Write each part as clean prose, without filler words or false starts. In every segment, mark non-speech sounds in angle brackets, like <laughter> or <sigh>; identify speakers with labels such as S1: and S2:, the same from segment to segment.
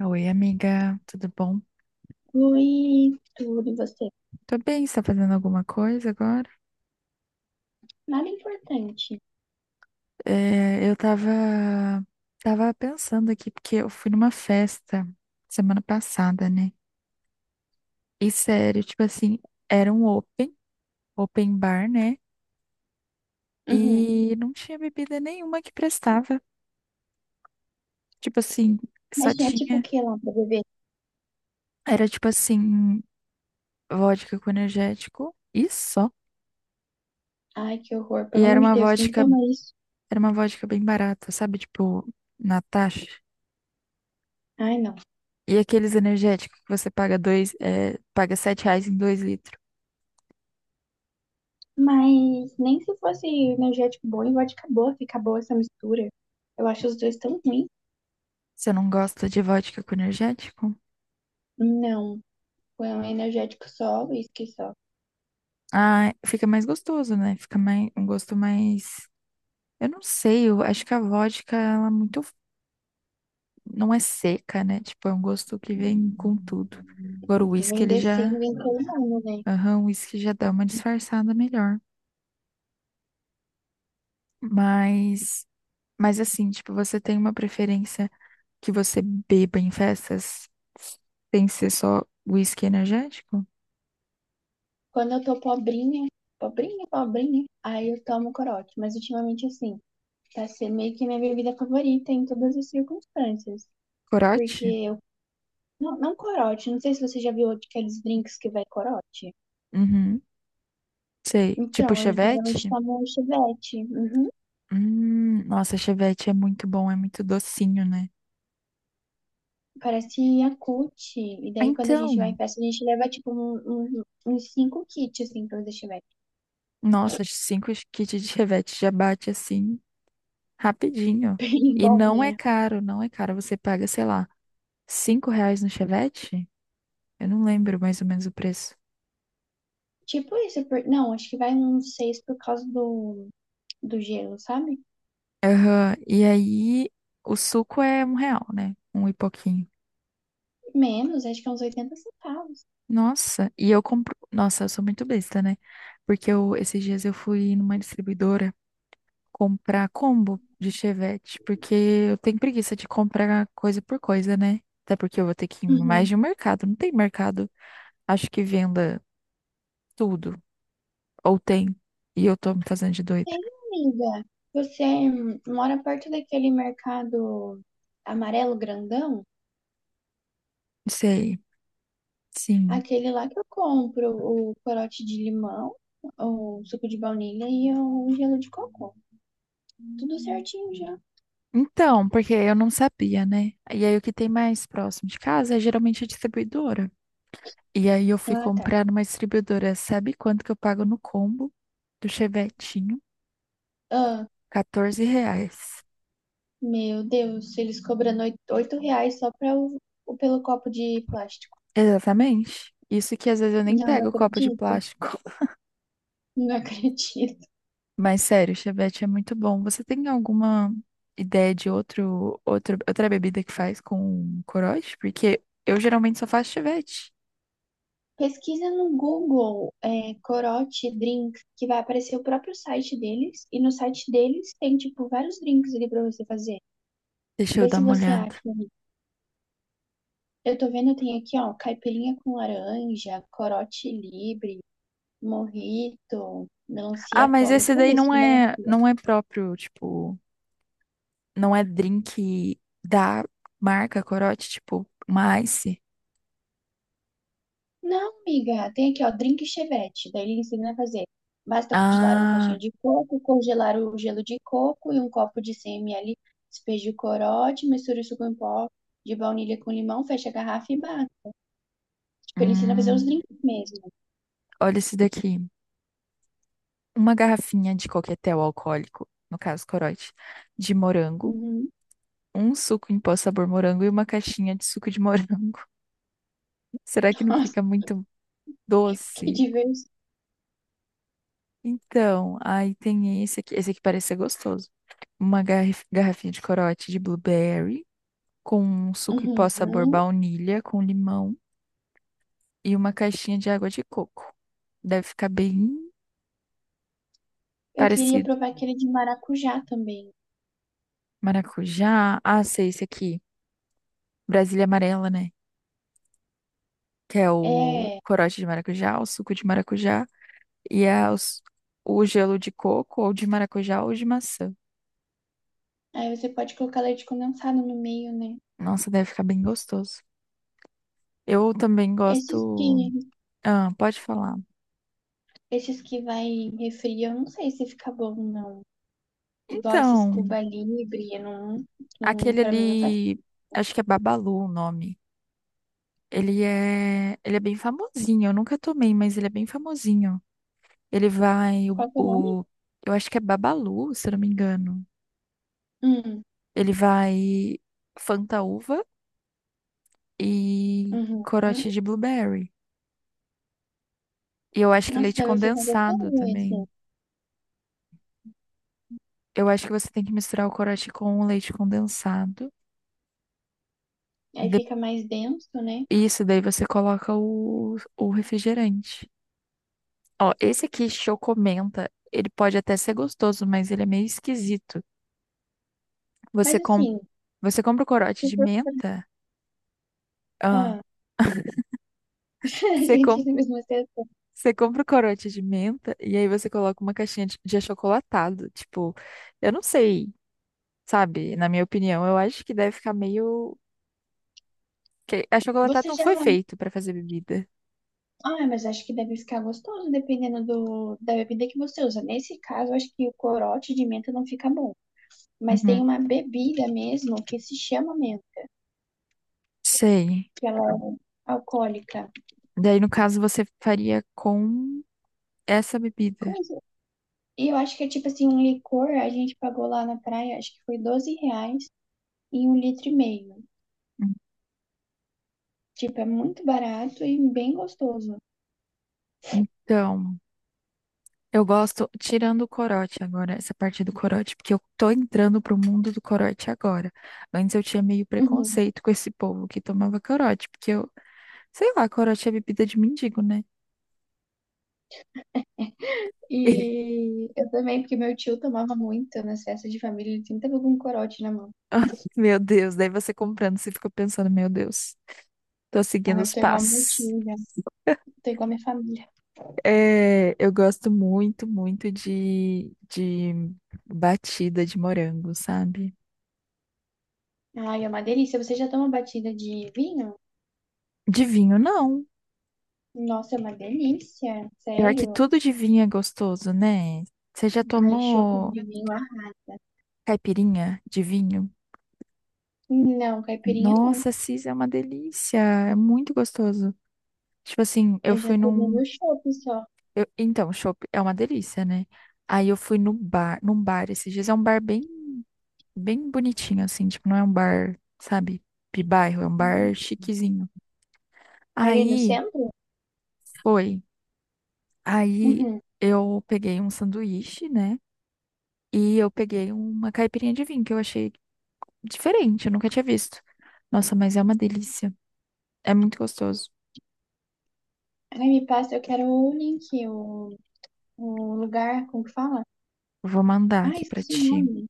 S1: Oi, amiga, tudo bom?
S2: Oi, tudo você?
S1: Tô bem, você tá fazendo alguma coisa agora?
S2: Nada importante.
S1: É, eu tava, tava pensando aqui, porque eu fui numa festa semana passada, né? E sério, tipo assim, era um open, open bar, né?
S2: Uhum.
S1: E não tinha bebida nenhuma que prestava. Tipo assim, só
S2: Mas tinha tipo o
S1: tinha.
S2: que lá pra beber?
S1: Era tipo assim, vodka com energético e só.
S2: Ai, que horror.
S1: E
S2: Pelo amor de Deus, quem que toma isso?
S1: era uma vodka bem barata, sabe? Tipo, Natasha.
S2: Ai, não.
S1: E aqueles energéticos que você paga dois, é, paga sete reais em dois litros.
S2: Mas nem se fosse energético bom e vodka boa, fica boa essa mistura. Eu acho os dois tão ruins.
S1: Você não gosta de vodka com energético?
S2: Não. Foi um energético só, uísque só.
S1: Ah, fica mais gostoso, né? Fica mais, um gosto mais. Eu não sei, eu acho que a vodka, ela é muito. Não é seca, né? Tipo, é um gosto que vem com tudo. Agora o whisky,
S2: Vem
S1: ele
S2: descendo,
S1: já.
S2: vem colando, né?
S1: Aham, o whisky já dá uma disfarçada melhor. Mas. Mas assim, tipo, você tem uma preferência que você beba em festas sem ser só whisky energético?
S2: Quando eu tô pobrinha, pobrinha, pobrinha, aí eu tomo corote. Mas ultimamente, assim, tá sendo meio que minha bebida favorita em todas as circunstâncias. Porque
S1: Corote?
S2: eu. Não, não corote, não sei se você já viu aqueles drinks que vai corote.
S1: Uhum. Sei. Tipo
S2: Então, eu geralmente
S1: chevette?
S2: tomo chivete. Uhum.
S1: Nossa, chevette é muito bom, é muito docinho, né?
S2: Parece Yakult. E
S1: Ah,
S2: daí, quando a gente vai em
S1: então,
S2: festa, a gente leva, tipo, uns cinco kits, assim, pra fazer chivete.
S1: nossa, cinco kits de chevette já bate assim
S2: <laughs>
S1: rapidinho.
S2: Bem
S1: E
S2: bom,
S1: não é
S2: né?
S1: caro, não é caro. Você paga, sei lá, cinco reais no chevette? Eu não lembro mais ou menos o preço.
S2: <laughs> Tipo isso. Por... Não, acho que vai uns seis por causa do gelo, sabe?
S1: Aham. E aí, o suco é um real, né? Um e pouquinho.
S2: Menos, acho que é uns oitenta centavos.
S1: Nossa, e eu compro. Nossa, eu sou muito besta, né? Porque eu, esses dias eu fui numa distribuidora. Comprar combo de chevette, porque eu tenho preguiça de comprar coisa por coisa, né? Até porque eu vou ter que ir em mais
S2: Uhum.
S1: de um mercado. Não tem mercado, acho que venda tudo. Ou tem. E eu tô me fazendo de doida.
S2: Tem, amiga. Você mora perto daquele mercado amarelo grandão?
S1: Sei, sim.
S2: Aquele lá que eu compro, o corote de limão, o suco de baunilha e o um gelo de cocô. Tudo certinho já.
S1: Então, porque eu não sabia, né? E aí o que tem mais próximo de casa é geralmente a distribuidora. E aí eu fui
S2: Ah, tá.
S1: comprar numa distribuidora. Sabe quanto que eu pago no combo do chevetinho?
S2: Ah,
S1: R$ 14.
S2: meu Deus, eles cobrando oito reais só pra pelo copo de plástico.
S1: Exatamente. Isso que às vezes eu nem
S2: Não, não
S1: pego o copo de
S2: acredito.
S1: plástico.
S2: Não <laughs> acredito.
S1: <laughs> Mas sério, chevette é muito bom. Você tem alguma ideia de outro, outro, outra bebida que faz com corote? Porque eu geralmente só faço chevette.
S2: Pesquisa no Google, é, corote drink, que vai aparecer o próprio site deles. E no site deles tem, tipo, vários drinks ali pra você fazer.
S1: Deixa eu
S2: Vê
S1: dar
S2: se
S1: uma
S2: você acha.
S1: olhada.
S2: Eu tô vendo, tem aqui, ó, caipirinha com laranja, corote livre, mojito, melancia
S1: Ah, mas
S2: atômica.
S1: esse
S2: Vamos
S1: daí
S2: ver se
S1: não
S2: tem
S1: é,
S2: melancia.
S1: não é próprio, tipo, não é drink da marca corote, tipo, uma Ice.
S2: Não, amiga, tem aqui, ó, drink chevette. Daí ele ensina a fazer. Basta congelar uma
S1: Ah,
S2: caixinha de coco, congelar o gelo de coco e um copo de 100 ml. Despeje o corote, misture o suco em pó de baunilha com limão, fecha a garrafa e bate. Tipo, ele ensina a fazer os
S1: hum,
S2: drinks mesmo.
S1: olha esse daqui. Uma garrafinha de coquetel alcoólico, no caso corote, de morango,
S2: Uhum.
S1: um suco em pó sabor morango e uma caixinha de suco de morango. <laughs> Será que
S2: <laughs>
S1: não
S2: Nossa,
S1: fica muito
S2: que
S1: doce?
S2: diverso.
S1: Então, aí tem esse aqui. Esse aqui parece ser gostoso. Uma garrafinha de corote de blueberry, com um suco em pó sabor
S2: Uhum.
S1: baunilha, com limão e uma caixinha de água de coco. Deve ficar bem
S2: Eu queria
S1: parecido.
S2: provar aquele de maracujá também.
S1: Maracujá. Ah, sei, esse aqui. Brasília amarela, né? Que é o
S2: É.
S1: corote de maracujá, o suco de maracujá, e é o gelo de coco, ou de maracujá, ou de maçã.
S2: Aí você pode colocar leite condensado no meio, né?
S1: Nossa, deve ficar bem gostoso. Eu também
S2: Esses
S1: gosto.
S2: que,
S1: Ah, pode falar.
S2: esses que vai em refri, eu não sei se fica bom, não. Igual esses
S1: Então,
S2: Cuba Libre, eu não, não,
S1: aquele
S2: pra mim não faz.
S1: ali, acho que é Babalu o nome. Ele é bem famosinho. Eu nunca tomei, mas ele é bem famosinho. Ele vai
S2: Qual que é o nome?
S1: eu acho que é Babalu, se eu não me engano.
S2: Hum,
S1: Ele vai Fanta uva e
S2: uhum.
S1: corote de blueberry. E eu acho que
S2: Nossa,
S1: leite
S2: deve ficar gostoso
S1: condensado
S2: esse.
S1: também. Eu acho que você tem que misturar o corote com o leite condensado. E
S2: Aí
S1: de-
S2: fica mais denso, né?
S1: Isso, daí você coloca o refrigerante. Ó, esse aqui, Chocomenta, ele pode até ser gostoso, mas ele é meio esquisito.
S2: Mas
S1: Você, com...
S2: assim,
S1: Você compra o corote
S2: se
S1: de
S2: for pra...
S1: menta? Ah,
S2: Ah, <laughs> a
S1: você,
S2: gente
S1: com...
S2: mesmo assim.
S1: você compra o corote de menta e aí você coloca uma caixinha de achocolatado. Tipo, eu não sei, sabe? Na minha opinião, eu acho que deve ficar meio. Que achocolatado
S2: Você
S1: não
S2: já...
S1: foi feito pra fazer bebida.
S2: Ah, mas acho que deve ficar gostoso, dependendo da bebida que você usa. Nesse caso, acho que o corote de menta não fica bom. Mas tem
S1: Uhum.
S2: uma bebida mesmo que se chama mesmo,
S1: Sei.
S2: que ela é alcoólica.
S1: Daí, no caso, você faria com essa
S2: Como
S1: bebida.
S2: isso? E eu acho que é tipo assim, um licor, a gente pagou lá na praia, acho que foi 12 reais e um litro e meio.
S1: Hum.
S2: Tipo, é muito barato e bem gostoso.
S1: Então, eu gosto, tirando o corote agora, essa parte do corote, porque eu tô entrando pro mundo do corote agora. Antes eu tinha meio
S2: Uhum.
S1: preconceito com esse povo que tomava corote, porque eu, sei lá, corote é bebida de mendigo, né? <laughs>
S2: E eu também, porque meu tio tomava muito nas festas de família, ele sempre tava com um corote na mão.
S1: E, meu Deus, daí você comprando, você fica pensando, meu Deus, tô
S2: Então
S1: seguindo
S2: eu
S1: os
S2: tô igual meu
S1: passos.
S2: tio, já. Tô igual minha família.
S1: É, eu gosto muito, muito de batida de morango, sabe?
S2: Ai, é uma delícia. Você já toma batida de vinho?
S1: De vinho, não.
S2: Nossa, é uma delícia,
S1: Pior que
S2: sério.
S1: tudo de vinho é gostoso, né? Você já
S2: Ai, chope
S1: tomou
S2: de vinho.
S1: caipirinha de vinho?
S2: Não, caipirinha não.
S1: Nossa, Cis, é uma delícia. É muito gostoso. Tipo assim, eu
S2: Eu já
S1: fui
S2: tomei
S1: num.
S2: no shopping só.
S1: Então, chopp é uma delícia, né? Aí eu fui no bar, num bar esses dias. É um bar bem, bem bonitinho, assim. Tipo, não é um bar, sabe, de bairro, é um bar chiquezinho.
S2: Ali no
S1: Aí.
S2: centro?
S1: Foi. Aí
S2: Uhum.
S1: eu peguei um sanduíche, né? E eu peguei uma caipirinha de vinho que eu achei diferente, eu nunca tinha visto. Nossa, mas é uma delícia. É muito gostoso.
S2: Ai, me passa, eu quero o link, o lugar, como que fala?
S1: Vou mandar
S2: Ah,
S1: aqui pra
S2: esqueci o
S1: ti.
S2: nome.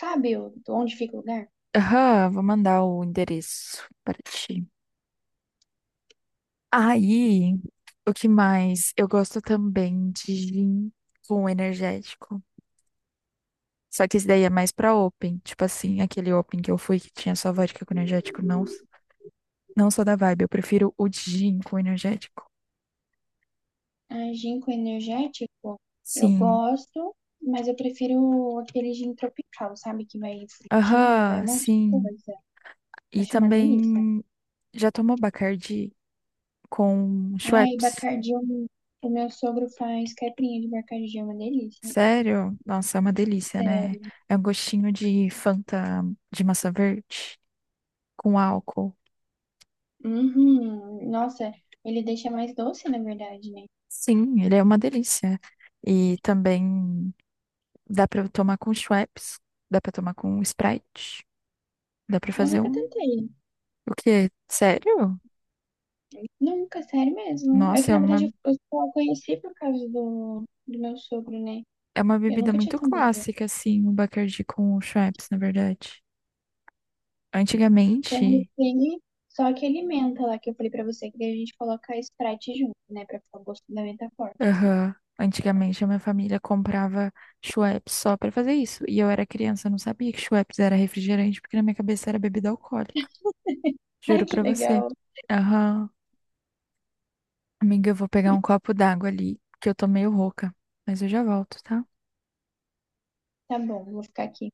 S2: Sabe onde fica o lugar?
S1: Aham, vou mandar o endereço para ti. Aí, o que mais? Eu gosto também de gin com energético. Só que esse daí é mais pra open. Tipo assim, aquele open que eu fui que tinha só vodka com energético. Não, não sou da vibe. Eu prefiro o de gin com energético.
S2: Ah, gin com energético, eu
S1: Sim.
S2: gosto, mas eu prefiro aquele gin tropical, sabe? Que vai frutinha, vai
S1: Aham,
S2: um monte de
S1: sim.
S2: coisa.
S1: E
S2: Acho uma delícia.
S1: também já tomou Bacardi com
S2: Ai,
S1: Schweppes?
S2: Bacardi, eu- o meu sogro faz caipirinha de Bacardi, é uma delícia.
S1: Sério? Nossa, é uma delícia, né? É um gostinho de Fanta de maçã verde com álcool.
S2: Uhum. Nossa, ele deixa mais doce, na verdade, né?
S1: Sim, ele é uma delícia. E também dá pra tomar com Schweppes, dá pra tomar com Sprite, dá pra
S2: Eu
S1: fazer
S2: nunca
S1: um.
S2: tentei.
S1: O quê? Sério?
S2: Nunca, sério mesmo. É que,
S1: Nossa,
S2: na verdade, eu só conheci por causa do meu sogro, né?
S1: é uma
S2: Eu
S1: bebida
S2: nunca tinha
S1: muito
S2: tomado.
S1: clássica, assim, o Bacardi com o Schweppes, na verdade.
S2: Com
S1: Antigamente,
S2: ele, só aquele menta lá que eu falei pra você, que daí a gente coloca Sprite junto, né? Pra ficar o gosto da menta forte, assim.
S1: aham, antigamente a minha família comprava Schweppes só pra fazer isso. E eu era criança, eu não sabia que Schweppes era refrigerante, porque na minha cabeça era bebida alcoólica.
S2: <laughs> Ai,
S1: Juro
S2: que
S1: pra você.
S2: legal.
S1: Aham. Amiga, eu vou pegar um copo d'água ali, que eu tô meio rouca. Mas eu já volto, tá?
S2: Tá bom, vou ficar aqui.